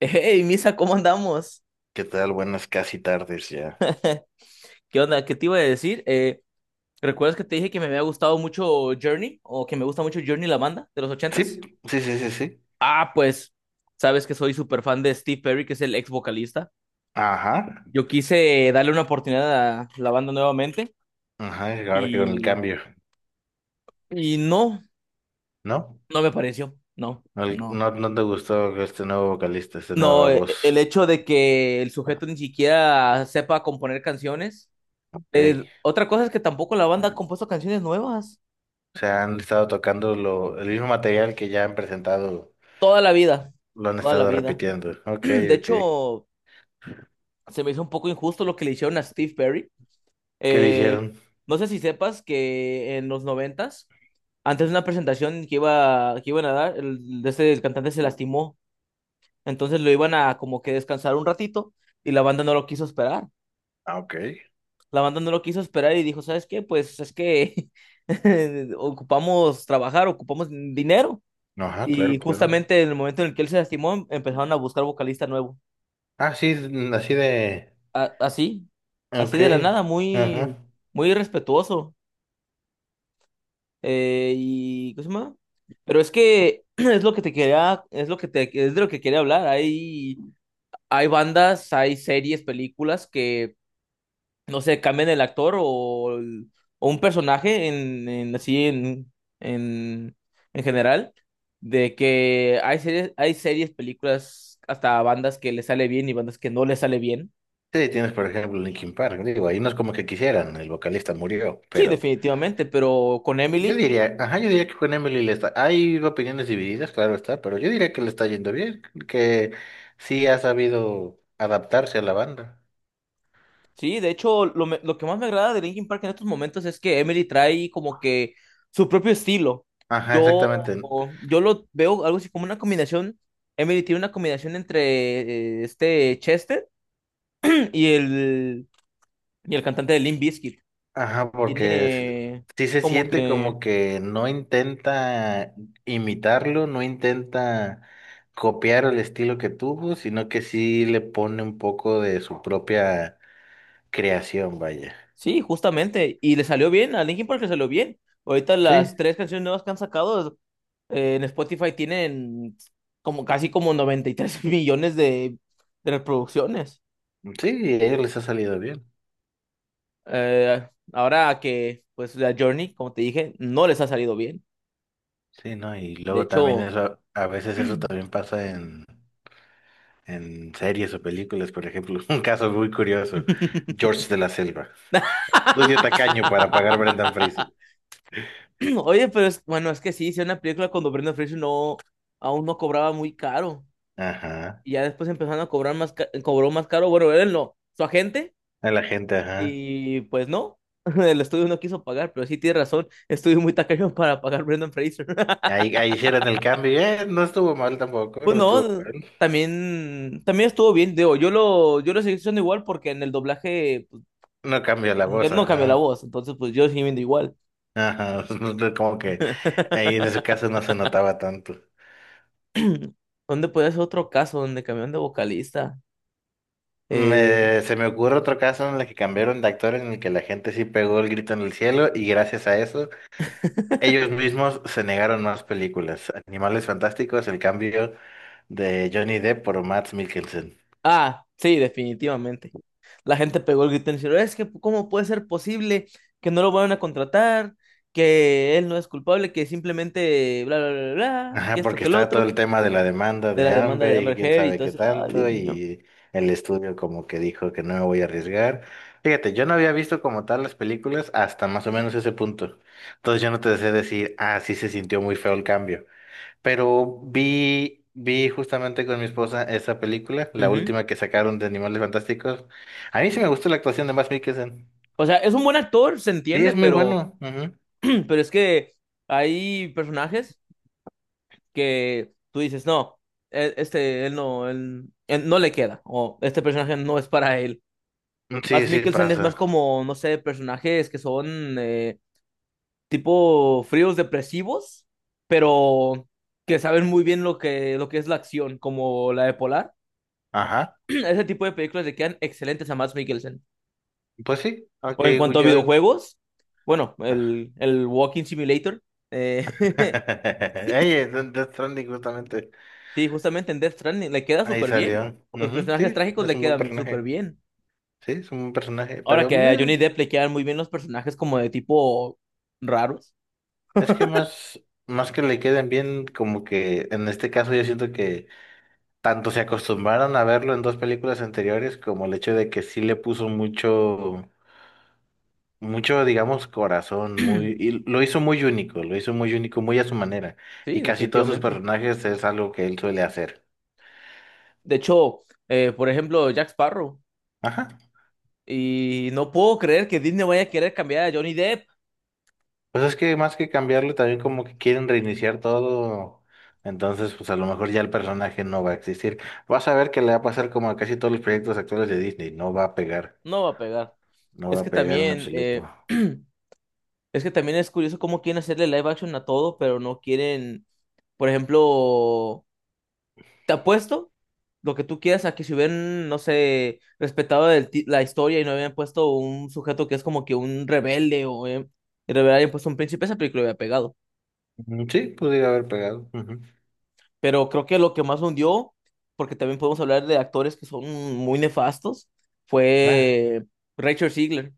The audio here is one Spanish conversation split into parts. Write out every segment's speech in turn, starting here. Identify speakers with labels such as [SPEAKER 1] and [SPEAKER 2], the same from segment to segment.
[SPEAKER 1] Hey, Misa, ¿cómo andamos?
[SPEAKER 2] ¿Qué tal? Buenas casi tardes ya.
[SPEAKER 1] ¿Qué onda? ¿Qué te iba a decir? ¿Recuerdas que te dije que me había gustado mucho Journey? ¿O que me gusta mucho Journey, la banda de los
[SPEAKER 2] Sí,
[SPEAKER 1] ochentas?
[SPEAKER 2] sí, sí, sí, sí.
[SPEAKER 1] Ah, pues, sabes que soy súper fan de Steve Perry, que es el ex vocalista.
[SPEAKER 2] Ajá,
[SPEAKER 1] Yo quise darle una oportunidad a la banda nuevamente
[SPEAKER 2] ajá, y ahora que con el
[SPEAKER 1] y,
[SPEAKER 2] cambio,
[SPEAKER 1] y no,
[SPEAKER 2] ¿no?
[SPEAKER 1] no me pareció. No,
[SPEAKER 2] No,
[SPEAKER 1] no.
[SPEAKER 2] no, no te gustó este nuevo vocalista, esta nueva
[SPEAKER 1] No, el
[SPEAKER 2] voz.
[SPEAKER 1] hecho de que el sujeto ni siquiera sepa componer canciones.
[SPEAKER 2] Ok.
[SPEAKER 1] Otra cosa es que tampoco la banda ha compuesto canciones nuevas.
[SPEAKER 2] O sea, han estado tocando el mismo material que ya han presentado,
[SPEAKER 1] Toda la vida,
[SPEAKER 2] lo han
[SPEAKER 1] toda la
[SPEAKER 2] estado
[SPEAKER 1] vida.
[SPEAKER 2] repitiendo. Ok,
[SPEAKER 1] De
[SPEAKER 2] ok.
[SPEAKER 1] hecho, se me hizo un poco injusto lo que le hicieron a Steve Perry.
[SPEAKER 2] ¿Qué le
[SPEAKER 1] Eh,
[SPEAKER 2] hicieron?
[SPEAKER 1] no sé si sepas que en los noventas, antes de una presentación que iban a dar, el cantante se lastimó. Entonces lo iban a como que descansar un ratito y la banda no lo quiso esperar.
[SPEAKER 2] Ah, ok.
[SPEAKER 1] La banda no lo quiso esperar y dijo, ¿sabes qué? Pues es que ocupamos trabajar, ocupamos dinero.
[SPEAKER 2] Ajá, claro,
[SPEAKER 1] Y
[SPEAKER 2] claro.
[SPEAKER 1] justamente en el momento en el que él se lastimó, empezaron a buscar vocalista nuevo.
[SPEAKER 2] Ah, sí, así de…
[SPEAKER 1] Así, así
[SPEAKER 2] Ok,
[SPEAKER 1] de la nada,
[SPEAKER 2] ajá.
[SPEAKER 1] muy irrespetuoso. ¿Cómo se llama? Pero es que es lo que te quería, es lo que te, es de lo que quería hablar. Hay bandas, hay series, películas que, no sé, cambian el actor, o un personaje así en, en general. De que hay series, películas, hasta bandas que le sale bien y bandas que no le sale bien.
[SPEAKER 2] Sí, tienes por ejemplo Linkin Park, digo, ahí no es como que quisieran, el vocalista murió,
[SPEAKER 1] Sí,
[SPEAKER 2] pero…
[SPEAKER 1] definitivamente, pero con
[SPEAKER 2] Yo
[SPEAKER 1] Emily.
[SPEAKER 2] diría, ajá, yo diría que con Emily le está, hay opiniones divididas, claro está, pero yo diría que le está yendo bien, que sí ha sabido adaptarse a la banda.
[SPEAKER 1] Sí, de hecho, lo que más me agrada de Linkin Park en estos momentos es que Emily trae como que su propio estilo.
[SPEAKER 2] Ajá,
[SPEAKER 1] Yo,
[SPEAKER 2] exactamente.
[SPEAKER 1] yo lo veo algo así como una combinación. Emily tiene una combinación entre este Chester y el, y el cantante de Limp Bizkit.
[SPEAKER 2] Ajá,
[SPEAKER 1] Tiene
[SPEAKER 2] sí se
[SPEAKER 1] como
[SPEAKER 2] siente
[SPEAKER 1] que.
[SPEAKER 2] como que no intenta imitarlo, no intenta copiar el estilo que tuvo, sino que sí le pone un poco de su propia creación, vaya.
[SPEAKER 1] Sí, justamente. Y le salió bien, a Linkin Park le salió bien. Ahorita las
[SPEAKER 2] Sí,
[SPEAKER 1] 3 canciones nuevas que han sacado en Spotify tienen como casi como 93 millones de reproducciones.
[SPEAKER 2] sí, y a ellos les ha salido bien.
[SPEAKER 1] Ahora que, pues, la Journey, como te dije, no les ha salido bien.
[SPEAKER 2] Sí, ¿no? Y
[SPEAKER 1] De
[SPEAKER 2] luego también
[SPEAKER 1] hecho.
[SPEAKER 2] eso, a veces eso también pasa en series o películas, por ejemplo. Un caso muy curioso, George de la Selva. Lucio Tacaño para pagar Brendan Fraser.
[SPEAKER 1] Oye, pero es, bueno, es que sí, hice una película cuando Brendan Fraser no, aún no cobraba muy caro.
[SPEAKER 2] Ajá,
[SPEAKER 1] Y ya después empezaron a cobrar más, cobró más caro. Bueno, él no, su agente.
[SPEAKER 2] a la gente, ajá.
[SPEAKER 1] Y pues no, el estudio no quiso pagar, pero sí tiene razón. Estudio muy tacaño para pagar Brendan Fraser.
[SPEAKER 2] Ahí hicieron el cambio, y, no estuvo mal tampoco, no estuvo
[SPEAKER 1] Bueno,
[SPEAKER 2] mal.
[SPEAKER 1] también, también estuvo bien, digo, yo lo seguí escuchando igual porque en el doblaje pues,
[SPEAKER 2] No cambió la voz,
[SPEAKER 1] mexicano no cambió la
[SPEAKER 2] ajá.
[SPEAKER 1] voz, entonces pues yo sigo viendo igual.
[SPEAKER 2] Ajá, como que ahí en ese caso no se notaba tanto.
[SPEAKER 1] ¿Dónde puede ser otro caso donde cambiaron de vocalista? Eh,
[SPEAKER 2] Se me ocurre otro caso en el que cambiaron de actor en el que la gente sí pegó el grito en el cielo y gracias a eso ellos mismos se negaron más películas. Animales Fantásticos, el cambio de Johnny Depp por Mads Mikkelsen.
[SPEAKER 1] ah, sí, definitivamente. La gente pegó el grito en el cielo, es que ¿cómo puede ser posible que no lo vayan a contratar? Que él no es culpable, que simplemente bla, bla, bla, bla, que
[SPEAKER 2] Ajá,
[SPEAKER 1] esto,
[SPEAKER 2] porque
[SPEAKER 1] que el
[SPEAKER 2] estaba todo
[SPEAKER 1] otro,
[SPEAKER 2] el tema de la demanda
[SPEAKER 1] de
[SPEAKER 2] de
[SPEAKER 1] la demanda de
[SPEAKER 2] Amber y
[SPEAKER 1] Amber
[SPEAKER 2] quién
[SPEAKER 1] Heard y
[SPEAKER 2] sabe
[SPEAKER 1] todo
[SPEAKER 2] qué
[SPEAKER 1] eso. Ay,
[SPEAKER 2] tanto,
[SPEAKER 1] Dios mío.
[SPEAKER 2] y el estudio como que dijo que no me voy a arriesgar. Fíjate, yo no había visto como tal las películas hasta más o menos ese punto. Entonces yo no te sé decir, ah, sí se sintió muy feo el cambio. Pero vi justamente con mi esposa esa película, la
[SPEAKER 1] Ujú.
[SPEAKER 2] última que sacaron de Animales Fantásticos. A mí sí me gustó la actuación de Mads Mikkelsen.
[SPEAKER 1] O sea, es un buen actor, se
[SPEAKER 2] Sí,
[SPEAKER 1] entiende,
[SPEAKER 2] es muy
[SPEAKER 1] pero,
[SPEAKER 2] bueno.
[SPEAKER 1] pero es que hay personajes que tú dices, no, él, él no le queda, o este personaje no es para él.
[SPEAKER 2] Ujú. Sí,
[SPEAKER 1] Más
[SPEAKER 2] sí,
[SPEAKER 1] Mikkelsen es más
[SPEAKER 2] pasa.
[SPEAKER 1] como, no sé, personajes que son tipo fríos depresivos, pero que saben muy bien lo que es la acción, como la de Polar.
[SPEAKER 2] Ajá.
[SPEAKER 1] Ese tipo de películas le quedan excelentes a Mads Mikkelsen.
[SPEAKER 2] Pues sí, ok,
[SPEAKER 1] O en cuanto a
[SPEAKER 2] yo…
[SPEAKER 1] videojuegos, bueno, el Walking Simulator. Eh,
[SPEAKER 2] Ey, Death Stranding justamente.
[SPEAKER 1] Sí, justamente en Death Stranding le queda
[SPEAKER 2] Ahí
[SPEAKER 1] súper bien.
[SPEAKER 2] salió.
[SPEAKER 1] Los
[SPEAKER 2] Ujú.
[SPEAKER 1] personajes
[SPEAKER 2] Sí,
[SPEAKER 1] trágicos
[SPEAKER 2] es
[SPEAKER 1] le
[SPEAKER 2] un buen
[SPEAKER 1] quedan súper
[SPEAKER 2] personaje.
[SPEAKER 1] bien.
[SPEAKER 2] Sí, es un buen personaje.
[SPEAKER 1] Ahora
[SPEAKER 2] Pero
[SPEAKER 1] que
[SPEAKER 2] yo,
[SPEAKER 1] a Johnny Depp le quedan muy bien los personajes como de tipo raros.
[SPEAKER 2] es que más que le queden bien, como que en este caso yo siento que tanto se acostumbraron a verlo en dos películas anteriores como el hecho de que sí le puso mucho. Mucho, digamos, corazón, muy, y lo hizo muy único, lo hizo muy único, muy a su manera.
[SPEAKER 1] Sí,
[SPEAKER 2] Y casi todos sus
[SPEAKER 1] definitivamente.
[SPEAKER 2] personajes es algo que él suele hacer.
[SPEAKER 1] De hecho, por ejemplo, Jack Sparrow.
[SPEAKER 2] Ajá.
[SPEAKER 1] Y no puedo creer que Disney vaya a querer cambiar a Johnny Depp.
[SPEAKER 2] Pues es que más que cambiarlo, también como que quieren reiniciar todo. Entonces, pues a lo mejor ya el personaje no va a existir. Vas a ver que le va a pasar como a casi todos los proyectos actuales de Disney. No va a pegar.
[SPEAKER 1] No va a pegar.
[SPEAKER 2] No va
[SPEAKER 1] Es
[SPEAKER 2] a
[SPEAKER 1] que
[SPEAKER 2] pegar en
[SPEAKER 1] también,
[SPEAKER 2] absoluto.
[SPEAKER 1] es que también es curioso cómo quieren hacerle live action a todo, pero no quieren, por ejemplo, te apuesto lo que tú quieras a que si hubieran, no sé, respetado la historia y no habían puesto un sujeto que es como que un rebelde o y le hubieran puesto un príncipe, esa película hubiera pegado.
[SPEAKER 2] Mm, sí, pudiera haber pegado. Ujú.
[SPEAKER 1] Pero creo que lo que más hundió, porque también podemos hablar de actores que son muy nefastos,
[SPEAKER 2] Ah,
[SPEAKER 1] fue Rachel Ziegler.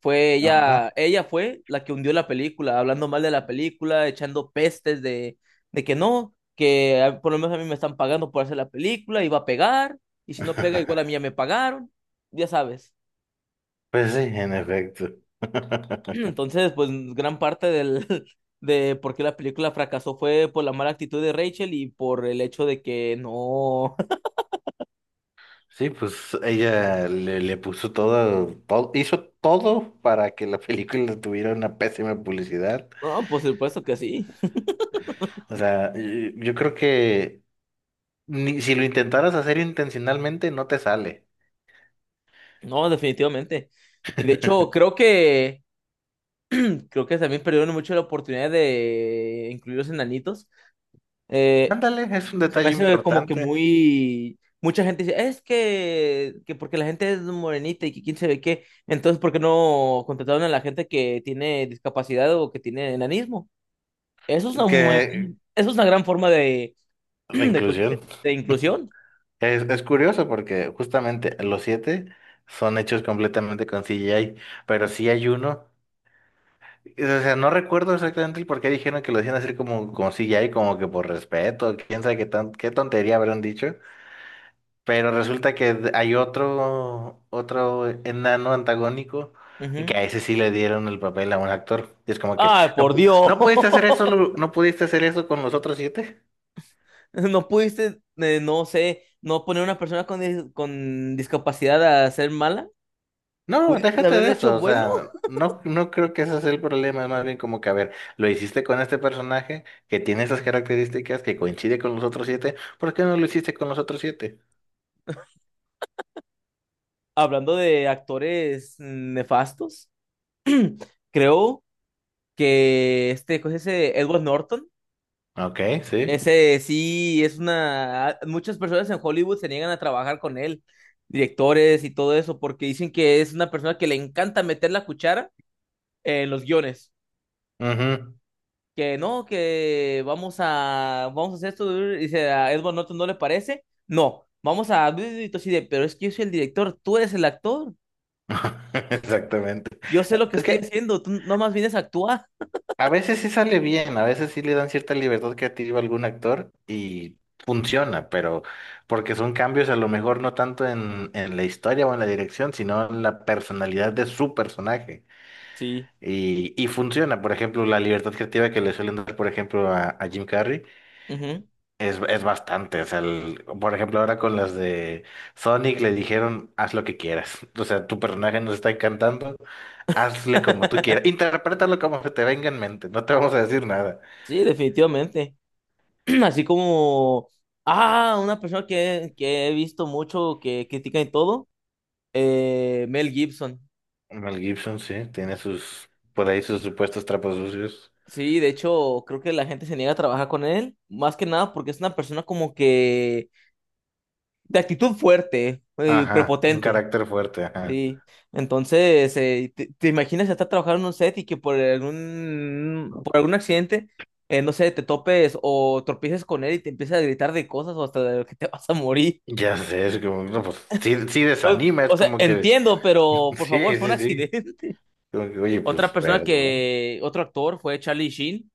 [SPEAKER 1] Fue
[SPEAKER 2] ajá.
[SPEAKER 1] ella, ella fue la que hundió la película, hablando mal de la película, echando pestes de que no, por lo menos a mí me están pagando por hacer la película, iba a pegar, y si no pega, igual a mí ya me pagaron, ya sabes.
[SPEAKER 2] Pues sí, en efecto.
[SPEAKER 1] Entonces, pues gran parte del, de por qué la película fracasó fue por la mala actitud de Rachel y por el hecho de que no.
[SPEAKER 2] Sí, pues ella le puso todo, hizo todo para que la película tuviera una pésima publicidad.
[SPEAKER 1] No, por supuesto que sí.
[SPEAKER 2] O sea, yo creo que ni, si lo intentaras hacer intencionalmente, no te sale.
[SPEAKER 1] No, definitivamente. Y de hecho, creo que también perdieron mucho la oportunidad de incluir los enanitos. Eh,
[SPEAKER 2] Ándale, es un
[SPEAKER 1] se
[SPEAKER 2] detalle
[SPEAKER 1] me hace como que
[SPEAKER 2] importante
[SPEAKER 1] muy mucha gente dice, es que porque la gente es morenita y que quién sabe qué, entonces ¿por qué no contrataron a la gente que tiene discapacidad o que tiene enanismo? Eso es una muy,
[SPEAKER 2] que
[SPEAKER 1] eso es una gran forma de
[SPEAKER 2] de
[SPEAKER 1] de, cosas-
[SPEAKER 2] inclusión.
[SPEAKER 1] de inclusión.
[SPEAKER 2] Es curioso porque justamente los siete son hechos completamente con CGI, pero sí hay uno. O sea, no recuerdo exactamente el por qué dijeron que lo hacían así como, como si ya y como que por respeto, quién sabe qué tan, qué tontería habrán dicho. Pero resulta que hay otro, otro enano antagónico y que
[SPEAKER 1] Ujú.
[SPEAKER 2] a ese sí le dieron el papel a un actor. Y es como que,
[SPEAKER 1] Ay,
[SPEAKER 2] no,
[SPEAKER 1] por Dios.
[SPEAKER 2] no pudiste hacer eso, No pudiste hacer eso con los otros siete.
[SPEAKER 1] No pudiste, no sé, no poner a una persona con, con discapacidad a ser mala.
[SPEAKER 2] No,
[SPEAKER 1] Pudiste
[SPEAKER 2] déjate de
[SPEAKER 1] haberle hecho
[SPEAKER 2] eso. O
[SPEAKER 1] bueno.
[SPEAKER 2] sea, no, no creo que ese sea el problema. Es más bien como que, a ver, lo hiciste con este personaje que tiene esas características que coincide con los otros siete. ¿Por qué no lo hiciste con los otros siete?
[SPEAKER 1] Hablando de actores nefastos, creo que este, ¿cómo se dice? Edward Norton,
[SPEAKER 2] Ok, sí.
[SPEAKER 1] ese sí es una. Muchas personas en Hollywood se niegan a trabajar con él, directores y todo eso, porque dicen que es una persona que le encanta meter la cuchara en los guiones.
[SPEAKER 2] Ujú.
[SPEAKER 1] Que no, vamos a hacer esto, y dice a Edward Norton, ¿no le parece? No, vamos a, y tú así de, pero es que yo soy el director, tú eres el actor,
[SPEAKER 2] Exactamente.
[SPEAKER 1] yo sé lo que
[SPEAKER 2] Es
[SPEAKER 1] estoy
[SPEAKER 2] que
[SPEAKER 1] haciendo, tú nomás vienes a actuar.
[SPEAKER 2] a veces sí sale bien, a veces sí le dan cierta libertad creativa a algún actor y funciona, pero porque son cambios a lo mejor no tanto en la historia o en la dirección, sino en la personalidad de su personaje.
[SPEAKER 1] Sí,
[SPEAKER 2] Y funciona, por ejemplo, la libertad creativa que le suelen dar, por ejemplo, a Jim Carrey.
[SPEAKER 1] ujú.
[SPEAKER 2] Es bastante, o sea, por ejemplo, ahora con las de Sonic le dijeron, haz lo que quieras. O sea, tu personaje nos está encantando, hazle como tú quieras, interprétalo como se te venga en mente, no te vamos a decir nada.
[SPEAKER 1] Sí, definitivamente. Así como, ah, una persona que he visto mucho, que critica y todo, Mel Gibson.
[SPEAKER 2] Mel Gibson, sí, tiene sus, por ahí sus supuestos trapos sucios.
[SPEAKER 1] Sí, de hecho, creo que la gente se niega a trabajar con él, más que nada porque es una persona como que de actitud fuerte y
[SPEAKER 2] Ajá, un
[SPEAKER 1] prepotente.
[SPEAKER 2] carácter fuerte, ajá.
[SPEAKER 1] Sí. Entonces, te imaginas estar trabajando en un set y que por algún accidente, no sé, te topes o tropieces con él y te empieza a gritar de cosas o hasta de que te vas a morir.
[SPEAKER 2] Ya sé, es como, no, pues, sí, sí desanima, es
[SPEAKER 1] O sea,
[SPEAKER 2] como que,
[SPEAKER 1] entiendo, pero por favor,
[SPEAKER 2] sí,
[SPEAKER 1] fue un
[SPEAKER 2] sí, sí.
[SPEAKER 1] accidente.
[SPEAKER 2] Como que, oye, pues, perdón.
[SPEAKER 1] Otro actor fue Charlie Sheen.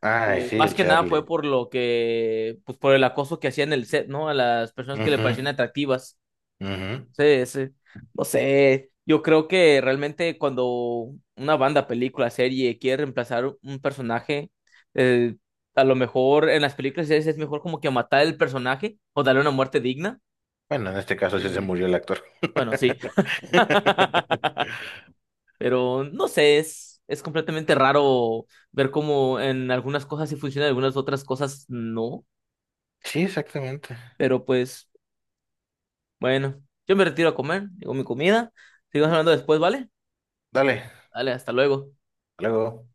[SPEAKER 2] Ay,
[SPEAKER 1] Que
[SPEAKER 2] sí,
[SPEAKER 1] más
[SPEAKER 2] el
[SPEAKER 1] que nada fue
[SPEAKER 2] Charlie.
[SPEAKER 1] por lo que, pues por el acoso que hacía en el set, ¿no? A las personas que le
[SPEAKER 2] Ujú,
[SPEAKER 1] parecían atractivas.
[SPEAKER 2] ujú.
[SPEAKER 1] Sí, sí. No sé, yo creo que realmente cuando una banda, película, serie quiere reemplazar un personaje, eh, a lo mejor en las películas y series es mejor como que matar el personaje o darle una muerte digna.
[SPEAKER 2] Bueno, en este caso sí se
[SPEAKER 1] Eh,
[SPEAKER 2] murió el actor.
[SPEAKER 1] bueno, sí. Pero no sé, es completamente raro ver cómo en algunas cosas sí funciona, en algunas otras cosas no.
[SPEAKER 2] Sí, exactamente.
[SPEAKER 1] Pero pues, bueno, yo me retiro a comer, digo mi comida. Sigamos hablando después, ¿vale?
[SPEAKER 2] Dale, hasta
[SPEAKER 1] Dale, hasta luego.
[SPEAKER 2] luego.